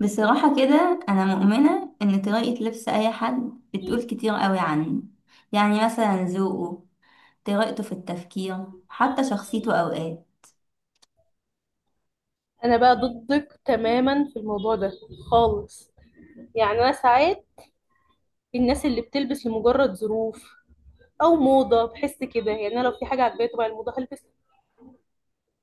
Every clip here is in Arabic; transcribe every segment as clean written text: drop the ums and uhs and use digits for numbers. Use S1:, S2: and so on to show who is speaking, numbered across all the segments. S1: بصراحة كده أنا مؤمنة إن طريقة لبس أي حد بتقول كتير قوي عنه. يعني مثلا ذوقه، طريقته في التفكير، حتى شخصيته أوقات.
S2: انا بقى ضدك تماما في الموضوع ده خالص. يعني انا ساعات الناس اللي بتلبس لمجرد ظروف او موضه بحس كده، يعني انا لو في حاجه عجباني طبعا الموضه هلبس.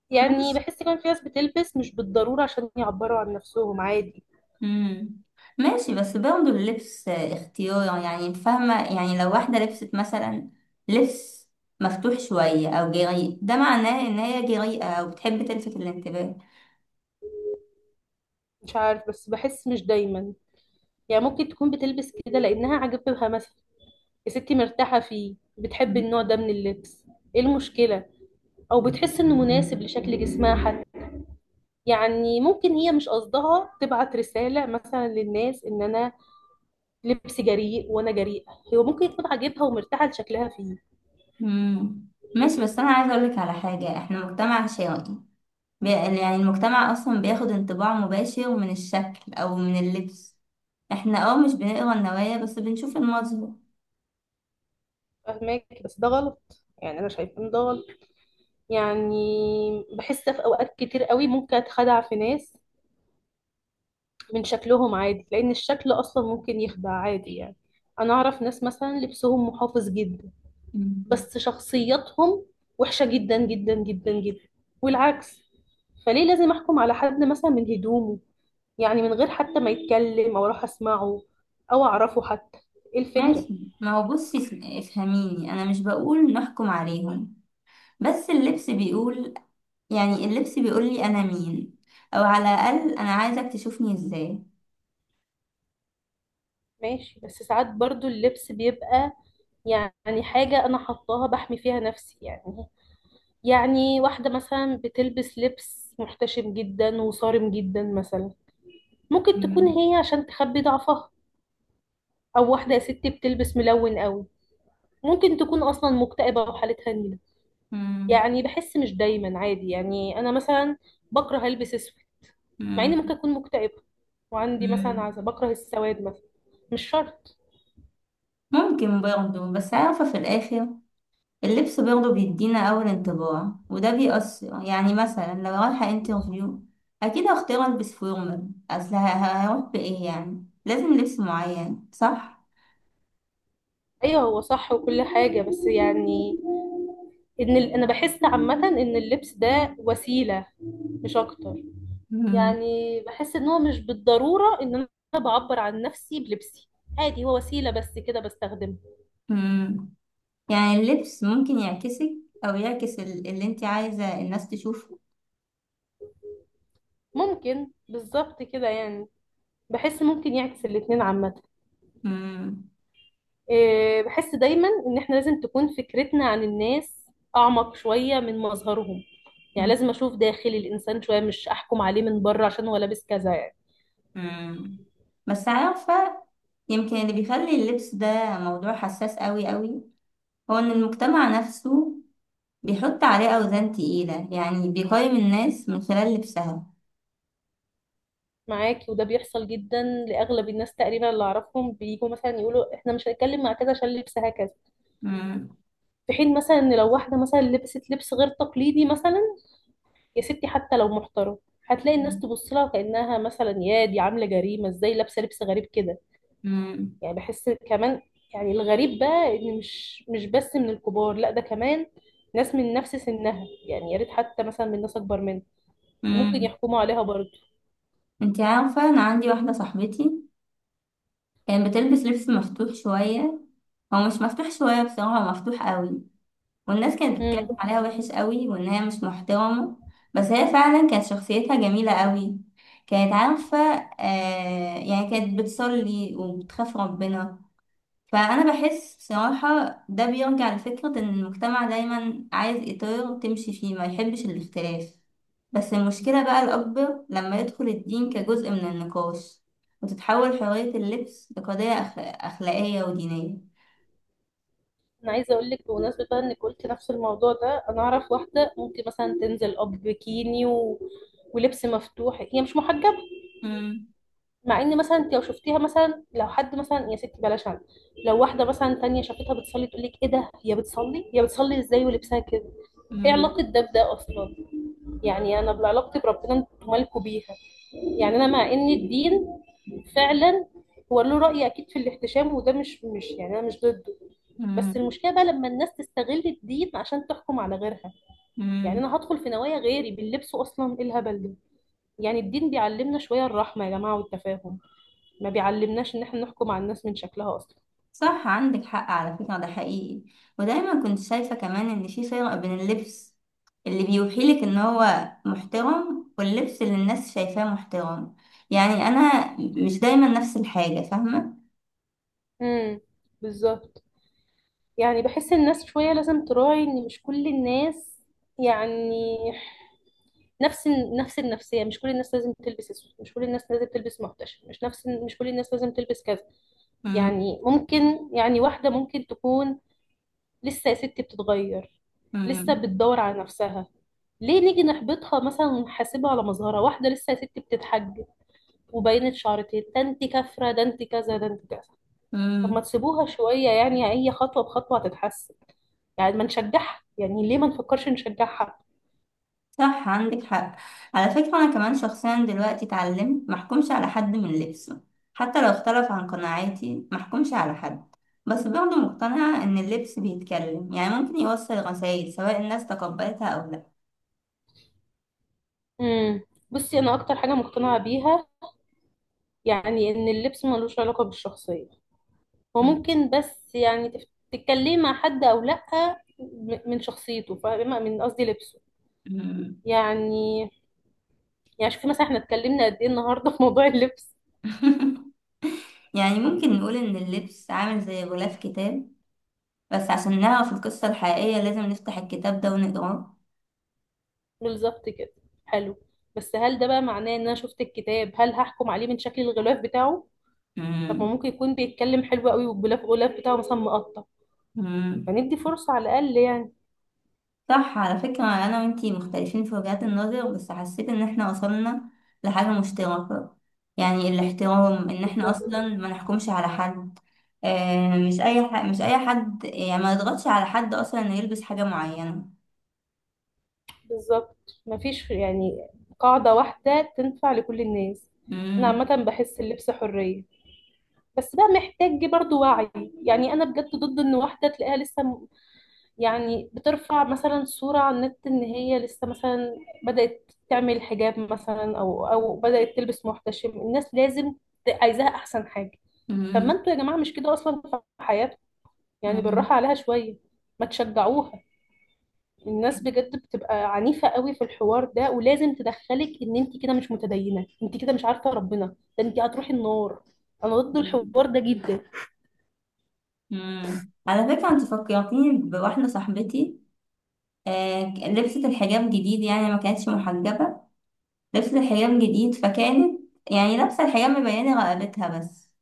S2: يعني
S1: ماشي.
S2: بحس كمان في ناس بتلبس مش بالضروره عشان يعبروا عن نفسهم عادي.
S1: مم. ماشي، بس برضه اللبس اختيار، يعني فاهمة؟ يعني لو واحدة لبست مثلا لبس مفتوح شوية أو جريء، ده معناه إن هي جريئة أو بتحب تلفت الانتباه.
S2: مش عارف بس بحس مش دايما، يعني ممكن تكون بتلبس كده لانها عجبها مثلا، يا ستي مرتاحه فيه، بتحب النوع ده من اللبس. ايه المشكله؟ او بتحس انه مناسب لشكل جسمها حتى. يعني ممكن هي مش قصدها تبعت رسالة مثلا للناس ان انا لبسي جريء وانا جريئة، هو ممكن تكون عاجبها ومرتاحة لشكلها فيه.
S1: مم. ماشي، بس أنا عايزة أقولك على حاجة، إحنا مجتمع شرقي. يعني المجتمع أصلا بياخد انطباع مباشر من الشكل أو من اللبس. احنا مش بنقرا النوايا، بس بنشوف المظهر.
S2: فاهمك بس ده غلط، يعني انا شايفه ان ده غلط. يعني بحس في اوقات كتير قوي ممكن اتخدع في ناس من شكلهم عادي، لان الشكل اصلا ممكن يخدع عادي يعني. انا اعرف ناس مثلا لبسهم محافظ جدا
S1: مم.
S2: بس شخصياتهم وحشة جدا جدا جدا جدا، والعكس. فليه لازم احكم على حد مثلا من هدومه، يعني من غير حتى ما يتكلم او اروح اسمعه او اعرفه حتى؟ ايه الفكرة؟
S1: ماشي. ما هو بصي، افهميني، أنا مش بقول نحكم عليهم، بس اللبس بيقول. يعني اللبس بيقول لي أنا مين، أو على الأقل أنا عايزك تشوفني إزاي.
S2: ماشي بس ساعات برضو اللبس بيبقى يعني حاجة انا حطاها بحمي فيها نفسي. يعني واحدة مثلا بتلبس لبس محتشم جدا وصارم جدا مثلا، ممكن تكون
S1: مم.
S2: هي عشان تخبي ضعفها. او واحدة يا ستي بتلبس ملون قوي، ممكن تكون اصلا مكتئبة وحالتها نيلة.
S1: مم.
S2: يعني بحس مش دايما عادي، يعني انا مثلا بكره البس اسود مع اني
S1: مم.
S2: ممكن اكون مكتئبه، وعندي مثلا
S1: مم.
S2: عزة بكره السواد مثلا. مش شرط.
S1: ممكن برضه، بس عارفة في الآخر اللبس برضه بيدينا أول انطباع، وده بيأثر. يعني مثلا لو رايحة انترفيو أكيد هختار ألبس فورمال، أصل هروح بإيه؟ يعني لازم لبس معين، صح؟
S2: ايوه هو صح وكل حاجه، بس يعني ان انا بحس عامه ان اللبس ده وسيله، مش اكتر.
S1: مم.
S2: يعني بحس ان هو مش بالضروره ان انا بعبر عن نفسي بلبسي، عادي هو وسيله بس كده بستخدمه.
S1: مم. يعني اللبس ممكن يعكسك، أو يعكس اللي انت عايزة الناس تشوفه.
S2: ممكن بالظبط كده، يعني بحس ممكن يعكس الاتنين عامه.
S1: مم.
S2: آه، بحس دايما ان احنا لازم تكون فكرتنا عن الناس اعمق شوية من مظهرهم، يعني
S1: مم.
S2: لازم اشوف داخل الانسان شوية، مش احكم عليه من بره عشان هو لابس كذا يعني.
S1: مم. بس عارفة، يمكن اللي بيخلي اللبس ده موضوع حساس قوي قوي هو إن المجتمع نفسه بيحط عليه أوزان تقيلة، يعني بيقيم الناس من خلال لبسها.
S2: معاكي وده بيحصل جدا، لاغلب الناس تقريبا اللي اعرفهم بيجوا مثلا يقولوا احنا مش هنتكلم مع كذا عشان لبسها كذا.
S1: مم.
S2: في حين مثلا ان لو واحدة مثلا لبست لبس غير تقليدي مثلا، يا ستي حتى لو محترم، هتلاقي الناس تبص لها كأنها مثلا يا دي عاملة جريمة، ازاي لابسة لبس غريب كده؟
S1: مم.
S2: يعني بحس كمان، يعني الغريب بقى ان مش بس من الكبار، لا ده كمان ناس من نفس سنها، يعني يا ريت حتى مثلا من ناس اكبر منها ممكن
S1: مم.
S2: يحكموا عليها برضه.
S1: انتي عارفة، أنا عندي واحدة صاحبتي كانت بتلبس لبس مفتوح شوية. هو مش مفتوح شوية، بصراحة هو مفتوح قوي. والناس كانت
S2: امم
S1: بتتكلم عليها وحش قوي، وإن هي مش محترمة. بس هي فعلا كانت شخصيتها جميلة قوي، كانت عارفة. آه، يعني كانت بتصلي وبتخاف ربنا. فأنا بحس بصراحة ده بيرجع لفكرة إن المجتمع دايما عايز إطار تمشي فيه، ما يحبش الاختلاف. بس المشكلة بقى الأكبر لما يدخل الدين كجزء من النقاش، وتتحول حرية اللبس لقضية أخلاقية ودينية.
S2: انا عايزه اقول لك بمناسبه بقى انك قلت نفس الموضوع ده، انا اعرف واحده ممكن مثلا تنزل اب بكيني ولبس مفتوح، هي مش محجبه.
S1: مم.
S2: مع ان مثلا انت لو شفتيها مثلا، لو حد مثلا يا ستي بلاش عنها، لو واحده مثلا تانية شافتها بتصلي تقول لك ايه ده، هي بتصلي؟ هي بتصلي ازاي ولبسها كده؟ ايه
S1: مم.
S2: علاقه ده بده اصلا؟ يعني انا بعلاقتي بربنا، انتوا مالكوا بيها. يعني انا مع ان الدين فعلا هو له رأي اكيد في الاحتشام وده، مش يعني انا مش ضده. بس
S1: مم.
S2: المشكلة بقى لما الناس تستغل الدين عشان تحكم على غيرها. يعني
S1: مم.
S2: انا هدخل في نوايا غيري باللبس اصلا؟ ايه الهبل ده؟ يعني الدين بيعلمنا شوية الرحمة يا جماعة والتفاهم، ما بيعلمناش ان احنا نحكم على الناس من شكلها اصلا.
S1: صح، عندك حق على فكرة، ده حقيقي. ودايما كنت شايفة كمان إن في فرق بين اللبس اللي بيوحيلك إن هو محترم، واللبس اللي الناس شايفاه محترم. يعني أنا مش دايما نفس الحاجة، فاهمة؟
S2: امم بالظبط. يعني بحس الناس شوية لازم تراعي ان مش كل الناس، يعني نفس نفس النفسيه، مش كل الناس لازم تلبس اسود، مش كل الناس لازم تلبس محتشم، مش كل الناس لازم تلبس كذا.
S1: مم،
S2: يعني ممكن يعني واحده ممكن تكون لسه يا ستي بتتغير، لسه
S1: مم،
S2: بتدور على نفسها. ليه نيجي نحبطها مثلا ونحاسبها على مظهرها؟ واحده لسه يا ستي بتتحجب وبينت شعرتين، ده انت كافره، ده انت كذا، ده انت كذا. طب ما
S1: مم.
S2: تسيبوها شويه، يعني هي خطوه بخطوه هتتحسن. يعني ما نشجعها؟ يعني ليه ما نفكرش نشجعها؟
S1: صح، عندك حق. على فكرة أنا كمان شخصيا دلوقتي اتعلمت محكومش على حد من لبسه، حتى لو اختلف عن قناعاتي محكومش على حد. بس برضه مقتنعة إن اللبس بيتكلم، يعني ممكن يوصل رسائل سواء الناس تقبلتها أو لا.
S2: امم بصي انا اكتر حاجه مقتنعه بيها، يعني ان اللبس ملوش علاقة بالشخصية. هو
S1: مم.
S2: ممكن بس يعني تتكلمي مع حد او لا، من شخصيته، فاهمة من قصدي؟ لبسه
S1: مم.
S2: يعني. يعني شوفي مثلا احنا اتكلمنا قد ايه النهاردة في موضوع اللبس.
S1: يعني ممكن نقول إن اللبس عامل زي غلاف كتاب، بس عشان نعرف القصة الحقيقية لازم نفتح الكتاب ده ونقراه.
S2: بالظبط كده، حلو. بس هل ده بقى معناه ان انا شفت الكتاب هل هحكم عليه من شكل الغلاف بتاعه؟ طب ما
S1: مم.
S2: ممكن يكون بيتكلم حلو قوي، والغلاف بتاعه مثلا مقطع.
S1: مم.
S2: فندي فرصة على الاقل يعني.
S1: صح، على فكرة أنا وإنتي مختلفين في وجهات النظر، بس حسيت إن إحنا وصلنا لحاجة مشتركة. يعني الاحترام، إن إحنا
S2: بالظبط.
S1: أصلا ما نحكمش على حد. آه، مش أي مش أي حد، يعني ما نضغطش على حد أصلا إنه يلبس حاجة معينة.
S2: بالظبط مفيش يعني قاعدة واحدة تنفع لكل الناس. أنا
S1: مم.
S2: عامة بحس اللبس حرية، بس بقى محتاج برضو وعي. يعني أنا بجد ضد إن واحدة تلاقيها لسه يعني بترفع مثلا صورة على النت إن هي لسه مثلا بدأت تعمل حجاب مثلا أو بدأت تلبس محتشم، الناس لازم عايزاها أحسن حاجة. طب
S1: مم.
S2: ما أنتوا يا جماعة مش كده أصلا في حياتكم؟ يعني بالراحة عليها شوية، ما تشجعوها. الناس بجد بتبقى عنيفة قوي في الحوار ده، ولازم تدخلك ان انت كده مش متدينة، انت كده مش عارفة ربنا، ده انت هتروحي النار. انا ضد
S1: مم.
S2: الحوار ده جدا.
S1: مم. على فكرة انت فكرتيني بواحدة صاحبتي. آه، لبست الحجاب جديد، يعني ما كانتش محجبة. لبست الحجاب جديد فكانت، يعني لابسة الحجاب مبينة رقبتها بس.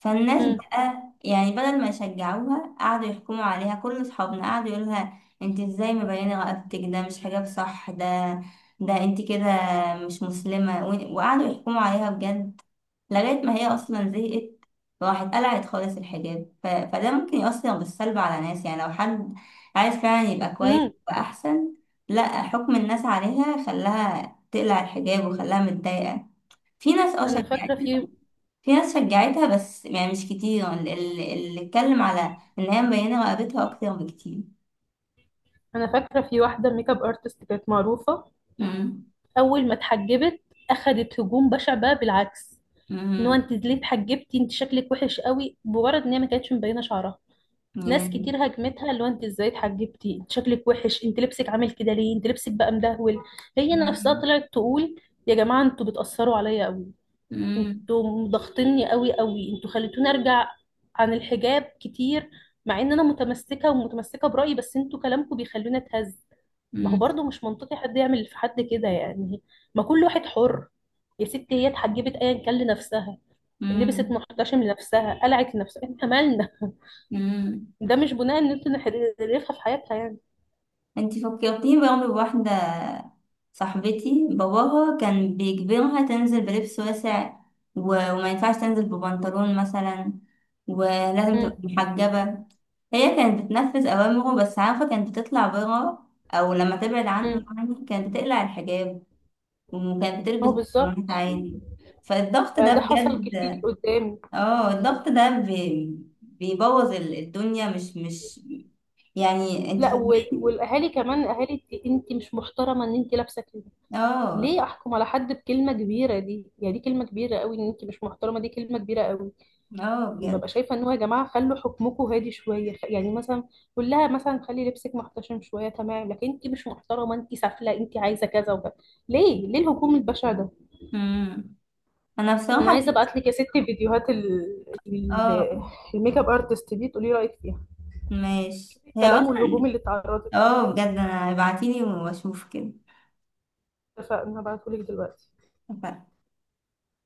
S1: فالناس
S2: امم
S1: بقى، يعني بدل ما يشجعوها قعدوا يحكموا عليها. كل اصحابنا قعدوا يقولها انت ازاي مبينه رقبتك، ده مش حجاب صح ده، ده انت كده مش مسلمه، وقعدوا يحكموا عليها بجد لغايه ما هي اصلا زهقت، راحت قلعت خالص الحجاب. فده ممكن يأثر بالسلب على ناس، يعني لو حد عايز فعلا يبقى كويس
S2: امم
S1: وأحسن، لا حكم الناس عليها خلاها تقلع الحجاب وخلاها متضايقة. في ناس اه
S2: انا فاكرة
S1: شجعت،
S2: في
S1: في ناس شجعتها، بس يعني مش كتير. اللي اتكلم على ان هي مبينة رقبتها اكتر بكتير.
S2: انا فاكرة في واحدة ميك اب ارتست كانت معروفة.
S1: مم.
S2: اول ما اتحجبت اخدت هجوم بشع، بقى بالعكس، ان هو
S1: مم.
S2: انت ليه اتحجبتي؟ انت شكلك وحش قوي، مجرد ان هي ما كانتش مبينة شعرها. ناس كتير
S1: يعني-
S2: هاجمتها اللي هو انت ازاي اتحجبتي؟ انت شكلك وحش، انت لبسك عامل كده ليه، انت لبسك بقى مدهول. هي نفسها
S1: مم.
S2: طلعت تقول يا جماعه انتوا بتاثروا عليا قوي،
S1: مم.
S2: انتوا ضاغطيني قوي قوي، انتوا خليتوني ارجع عن الحجاب كتير. مع ان انا متمسكه ومتمسكه برايي بس انتوا كلامكم بيخلوني اتهز. ما هو برضه مش منطقي حد يعمل في حد كده يعني، ما كل واحد حر. يا ستي هي اتحجبت ايا كان لنفسها، لبست
S1: مم.
S2: محتشم لنفسها، قلعت لنفسها، احنا مالنا؟
S1: مم.
S2: ده مش بناء ان انت نخلفها في حياتها يعني.
S1: انتي فكرتيني برضه بواحدة صاحبتي، باباها كان بيجبرها تنزل بلبس واسع، وما ينفعش تنزل ببنطلون مثلا، ولازم تبقى
S2: مم.
S1: محجبة. هي كانت بتنفذ أوامره، بس عارفة كانت بتطلع برا، أو لما تبعد عنه
S2: مم.
S1: يعني كانت بتقلع الحجاب، وكانت بتلبس
S2: هو
S1: بنطلونات
S2: بالظبط.
S1: عادي. فالضغط
S2: آه،
S1: ده
S2: ده حصل
S1: بجد.
S2: كتير قدامي.
S1: اه، الضغط ده بيبوظ الدنيا، مش يعني انت
S2: لا
S1: فاهمة.
S2: والاهالي كمان، اهالي انت مش محترمه ان انت لابسه كده.
S1: اه.
S2: ليه احكم على حد بكلمه كبيره دي؟ يعني دي كلمه كبيره قوي، ان انت مش محترمه، دي كلمه كبيره قوي.
S1: اه بجد.
S2: ببقى شايفه ان هو يا جماعه خلوا حكمكم هادي شويه، يعني مثلا قول لها مثلا خلي لبسك محتشم شويه، تمام. لكن انت مش محترمه، انت سافله، انت عايزه كذا وكذا، ليه ليه الهجوم البشع ده؟
S1: امم. انا
S2: انا
S1: بصراحة
S2: عايزه ابعت لك يا ستي فيديوهات
S1: اه،
S2: الميك اب ارتست دي تقولي رايك فيها.
S1: ماشي.
S2: شوفي
S1: هي
S2: الكلام والهجوم
S1: اصلا،
S2: اللي اتعرضت ليه.
S1: اه بجد، انا ابعتيلي واشوف كده.
S2: اتفقنا، هبعته لك دلوقتي.
S1: اتفقنا.